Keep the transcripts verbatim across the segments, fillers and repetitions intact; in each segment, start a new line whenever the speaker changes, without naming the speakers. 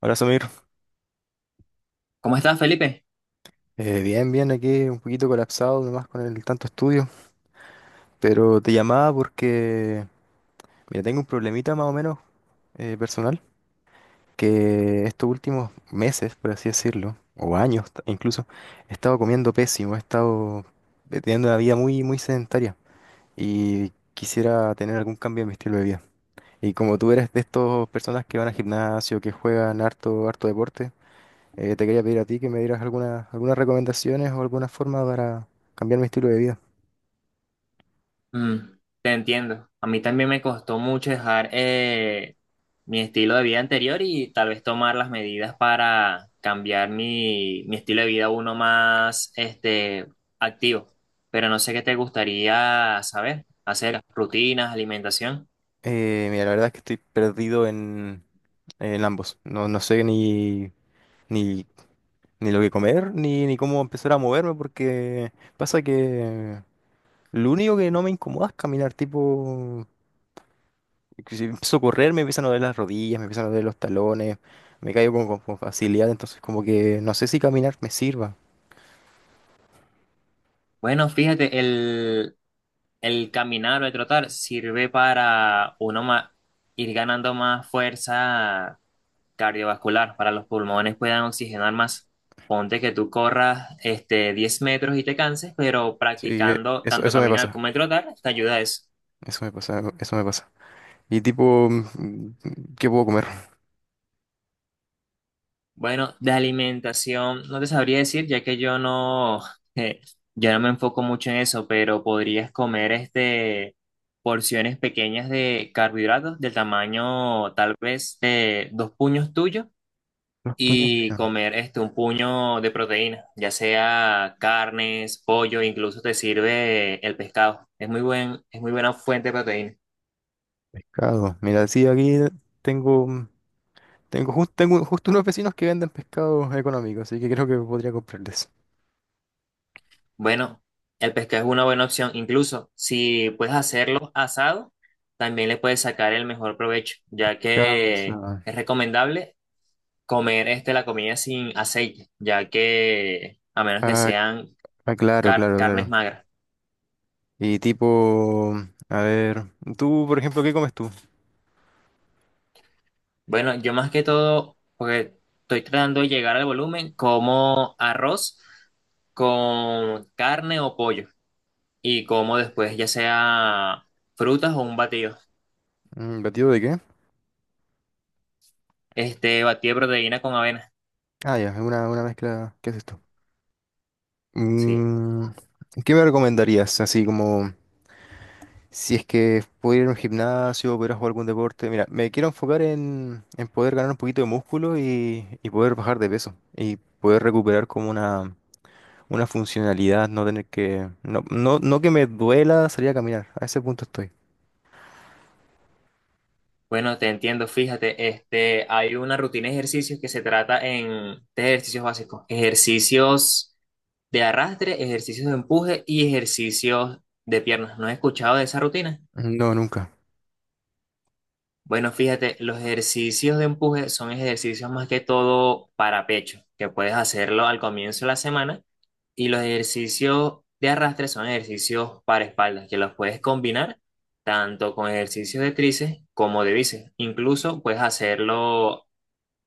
Hola, Samir.
¿Cómo estás, Felipe?
Eh, bien, bien, aquí un poquito colapsado nomás con el tanto estudio, pero te llamaba porque, mira, tengo un problemita más o menos eh, personal, que estos últimos meses, por así decirlo, o años ta- incluso, he estado comiendo pésimo, he estado eh, teniendo una vida muy, muy sedentaria y quisiera tener algún cambio en mi estilo de vida. Y como tú eres de estas personas que van al gimnasio, que juegan harto, harto deporte, Eh, te quería pedir a ti que me dieras algunas, algunas recomendaciones o alguna forma para cambiar mi estilo de vida.
Mm, te entiendo. A mí también me costó mucho dejar eh, mi estilo de vida anterior y tal vez tomar las medidas para cambiar mi, mi estilo de vida a uno más este, activo. Pero no sé qué te gustaría saber, hacer rutinas, alimentación.
Eh, mira, la verdad es que estoy perdido en, en ambos. No, no sé ni, ni, ni lo que comer, ni, ni cómo empezar a moverme, porque pasa que lo único que no me incomoda es caminar, tipo, que si empiezo a correr me empiezan a doler las rodillas, me empiezan a doler los talones, me caigo con, con- con facilidad, entonces como que no sé si caminar me sirva.
Bueno, fíjate, el, el caminar o el trotar sirve para uno ma- ir ganando más fuerza cardiovascular, para los pulmones puedan oxigenar más. Ponte que tú corras este, diez metros y te canses, pero
Sí, eh,
practicando
eso,
tanto
eso me
caminar
pasa,
como el trotar, te ayuda a eso.
eso me pasa, eso me pasa. Y tipo, mm, ¿qué puedo comer?
Bueno, de alimentación, no te sabría decir, ya que yo no, eh, yo no me enfoco mucho en eso, pero podrías comer este, porciones pequeñas de carbohidratos del tamaño tal vez de dos puños tuyos
Las tuñas
y
veganas.
comer este un puño de proteína, ya sea carnes, pollo, incluso te sirve el pescado. Es muy buen, es muy buena fuente de proteína.
Pescado. Mira, sí, aquí tengo, mm, tengo, jus- tengo justo unos vecinos que venden pescado económico, así que creo que podría comprarles.
Bueno, el pescado es una buena opción, incluso si puedes hacerlo asado, también le puedes sacar el mejor provecho, ya que
Causa.
es recomendable comer este la comida sin aceite, ya que a menos que
Ah,
sean
ah, claro,
car-
claro,
carnes
claro.
magras.
Y tipo, mm, a ver, tú, por ejemplo, ¿qué comes tú?
Bueno, yo más que todo, porque estoy tratando de llegar al volumen, como arroz con carne o pollo y como después ya sea frutas o un batido.
Mm, ¿batido de qué?
Este batido de proteína con avena.
Ah, ya, es una, una mezcla. ¿Qué es esto?
Sí.
Mm, ¿qué me recomendarías? Así como. Si es que pudiera ir a un gimnasio, pudiera jugar algún deporte. Mira, me quiero enfocar en, en poder ganar un poquito de músculo y, y poder bajar de peso. Y poder recuperar como una, una funcionalidad, no tener que... No, no, no que me duela salir a caminar. A ese punto estoy.
Bueno, te entiendo, fíjate, este hay una rutina de ejercicios que se trata en tres ejercicios básicos, ejercicios de arrastre, ejercicios de empuje y ejercicios de piernas. ¿No has escuchado de esa rutina?
No, nunca.
Bueno, fíjate, los ejercicios de empuje son ejercicios más que todo para pecho, que puedes hacerlo al comienzo de la semana, y los ejercicios de arrastre son ejercicios para espaldas, que los puedes combinar tanto con ejercicios de tríceps como de bíceps. Incluso puedes hacerlo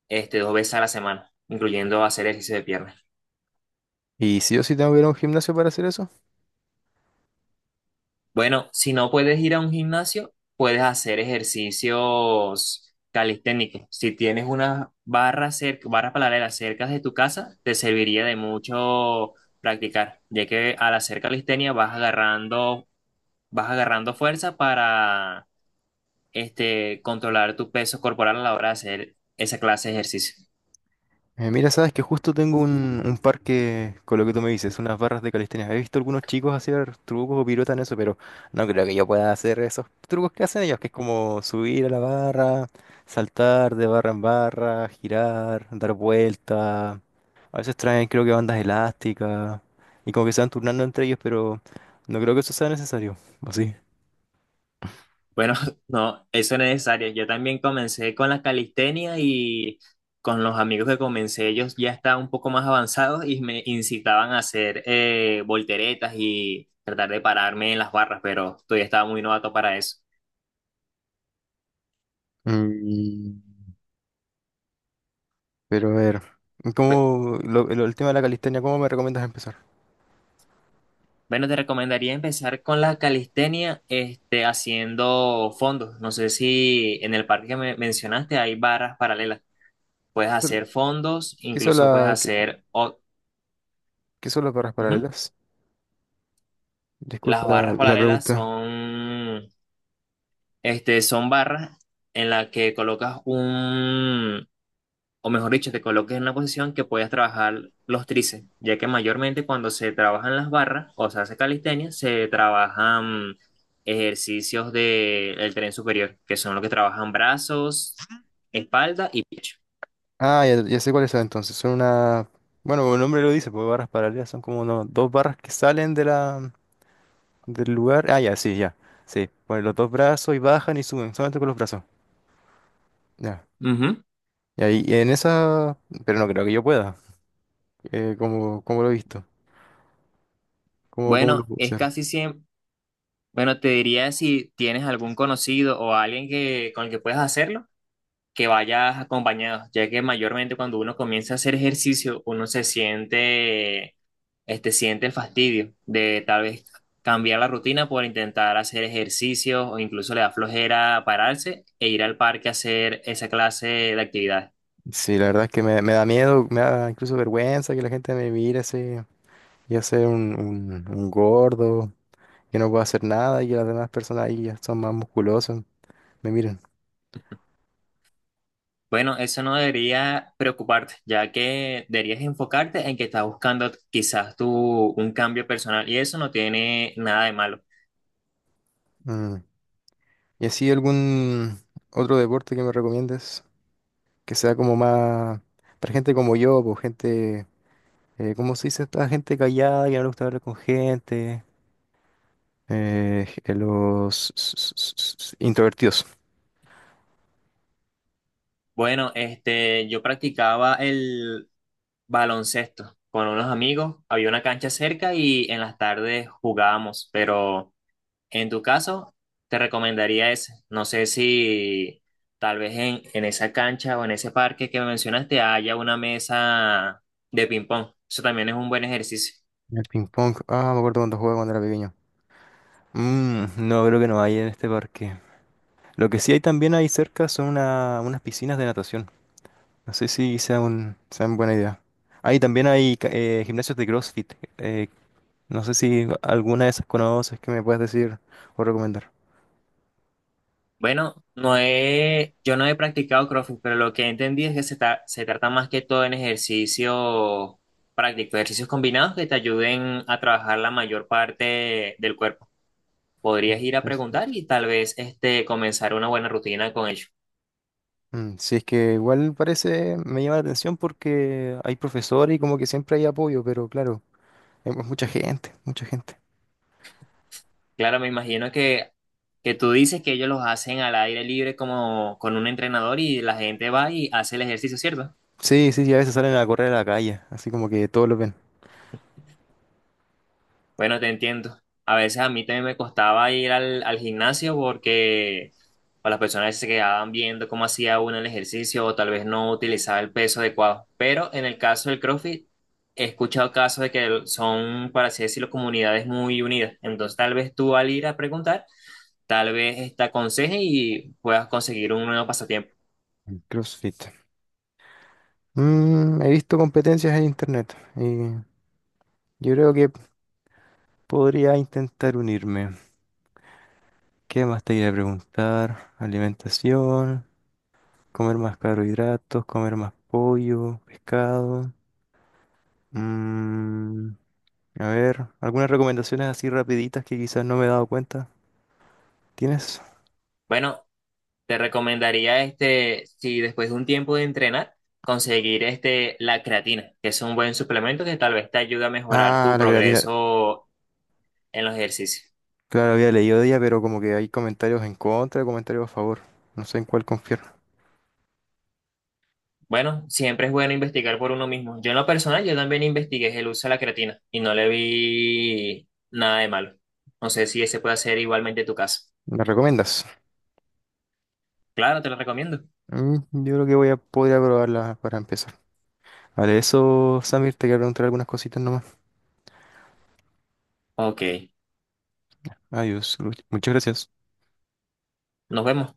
este, dos veces a la semana, incluyendo hacer ejercicio de piernas.
¿Y si yo sí tengo que ir a un gimnasio para hacer eso?
Bueno, si no puedes ir a un gimnasio, puedes hacer ejercicios calisténicos. Si tienes unas barras cerca, barras paralelas cerca de tu casa, te serviría de mucho practicar, ya que al hacer calistenia vas agarrando, vas agarrando fuerza para este, controlar tu peso corporal a la hora de hacer esa clase de ejercicio.
Eh, mira, sabes que justo tengo un, un parque con lo que tú me dices, unas barras de calistenia. He visto algunos chicos hacer trucos o piruetas en eso, pero no creo que yo pueda hacer esos trucos que hacen ellos, que es como subir a la barra, saltar de barra en barra, girar, dar vuelta. A veces traen, creo que bandas elásticas y como que se van turnando entre ellos, pero no creo que eso sea necesario, ¿o sí?
Bueno, no, eso no es necesario. Yo también comencé con la calistenia y con los amigos que comencé, ellos ya estaban un poco más avanzados y me incitaban a hacer eh, volteretas y tratar de pararme en las barras, pero todavía estaba muy novato para eso.
Mm, pero a ver,
Pe-
¿cómo lo- lo- el tema de la calistenia, cómo me recomiendas empezar?
Bueno, te recomendaría empezar con la calistenia, este, haciendo fondos. No sé si en el parque que me mencionaste hay barras paralelas. Puedes hacer fondos,
¿Qué hizo
incluso puedes
la,
hacer... o-
¿Qué son las barras
Ujú.
paralelas? Disculpa
Las
la,
barras
la
paralelas
pregunta.
son Este, son barras en las que colocas un, o mejor dicho, te colocas en una posición que puedas trabajar los tríceps, ya que mayormente cuando se trabajan las barras o se hace calistenia, se trabajan ejercicios del el tren superior, que son los que trabajan brazos, espalda y pecho.
Ah, ya, ya sé cuáles son entonces. Son una... Bueno, como el nombre lo dice, pues barras paralelas son como uno- dos barras que salen de la, del lugar. Ah, ya, sí, ya. Sí, ponen los dos brazos y bajan y suben, solamente con los brazos. Ya.
Ujú.
Y ahí, y en esa... Pero no creo que yo pueda. Eh, como, como lo he visto. ¿Cómo, cómo lo
Bueno,
puedo
es
hacer?
casi siempre, bueno, te diría si tienes algún conocido o alguien que, con el que puedas hacerlo que vayas acompañado, ya que mayormente cuando uno comienza a hacer ejercicio, uno se siente, este, siente el fastidio de tal vez cambiar la rutina por intentar hacer ejercicio o incluso le da flojera pararse e ir al parque a hacer esa clase de actividad.
Sí, la verdad es que me, me da miedo, me da incluso vergüenza que la gente me mire así. Ya sea un, un, un gordo. Que no puedo hacer nada y que las demás personas ahí ya son más musculosas, me miren.
Bueno, eso no debería preocuparte, ya que deberías enfocarte en que estás buscando quizás tú un cambio personal y eso no tiene nada de malo.
Mm. ¿Y así algún otro deporte que me recomiendes que sea como más para gente como yo, pues gente, eh, ¿cómo se dice esta gente callada que no le gusta hablar con gente? Eh, eh, los s- s- s- s- introvertidos.
Bueno, este, yo practicaba el baloncesto con unos amigos. Había una cancha cerca y en las tardes jugábamos, pero en tu caso te recomendaría ese. No sé si tal vez en, en esa cancha o en ese parque que mencionaste haya una mesa de ping pong. Eso también es un buen ejercicio.
El ping pong. Ah, me acuerdo cuando jugaba cuando era pequeño. Mm, no, creo que no hay en este parque. Lo que sí hay también ahí cerca son una- unas piscinas de natación. No sé si sea un, sea una buena idea. Ahí también hay ca- eh, gimnasios de CrossFit. eh, no sé si alguna de esas conoces que me puedas decir o recomendar.
Bueno, no he, yo no he practicado CrossFit, pero lo que entendí es que se, tra- se trata más que todo en ejercicio práctico, ejercicios combinados que te ayuden a trabajar la mayor parte del cuerpo. Podrías ir a preguntar
CrossFit.
y tal vez este, comenzar una buena rutina con ellos.
Mm, sí, es que igual parece, me llama la atención porque hay profesores y como que siempre hay apoyo, pero claro, hay mu- mucha gente, mucha gente.
Claro, me imagino que, que tú dices que ellos los hacen al aire libre como con un entrenador y la gente va y hace el ejercicio, ¿cierto?
Sí, sí, sí, a veces salen a correr a la calle, así como que todos lo ven.
Bueno, te entiendo. A veces a mí también me costaba ir al, al gimnasio porque o las personas se quedaban viendo cómo hacía uno el ejercicio o tal vez no utilizaba el peso adecuado. Pero en el caso del CrossFit, he escuchado casos de que son, para así decirlo, comunidades muy unidas. Entonces, tal vez tú al ir a preguntar, tal vez esta aconseje y puedas conseguir un nuevo pasatiempo.
Mm, CrossFit. Mm, he visto competencias en internet y yo creo que podría intentar unirme. ¿Qué más te iba a preguntar? Alimentación, comer más carbohidratos, comer más pollo, pescado. Mm, a ver, algunas recomendaciones así rapiditas que quizás no me he dado cuenta. ¿Tienes?
Bueno, te recomendaría este, si después de un tiempo de entrenar, conseguir este, la creatina, que es un buen suplemento que tal vez te ayuda a mejorar
Ah,
tu
la creatina.
progreso en los ejercicios.
Claro, había leído de ella, pero como que hay comentarios en contra, comentarios a favor. No sé en cuál confiar.
Bueno, siempre es bueno investigar por uno mismo. Yo en lo personal, yo también investigué el uso de la creatina y no le vi nada de malo. No sé si ese puede ser igualmente tu caso.
¿Me recomiendas?
Claro, te lo recomiendo.
Mm, yo creo que voy a poder probarla para empezar. Vale, eso, Samir, te quería preguntar algunas cositas nomás.
Ok,
Adiós, Luis. Muchas gracias.
nos vemos.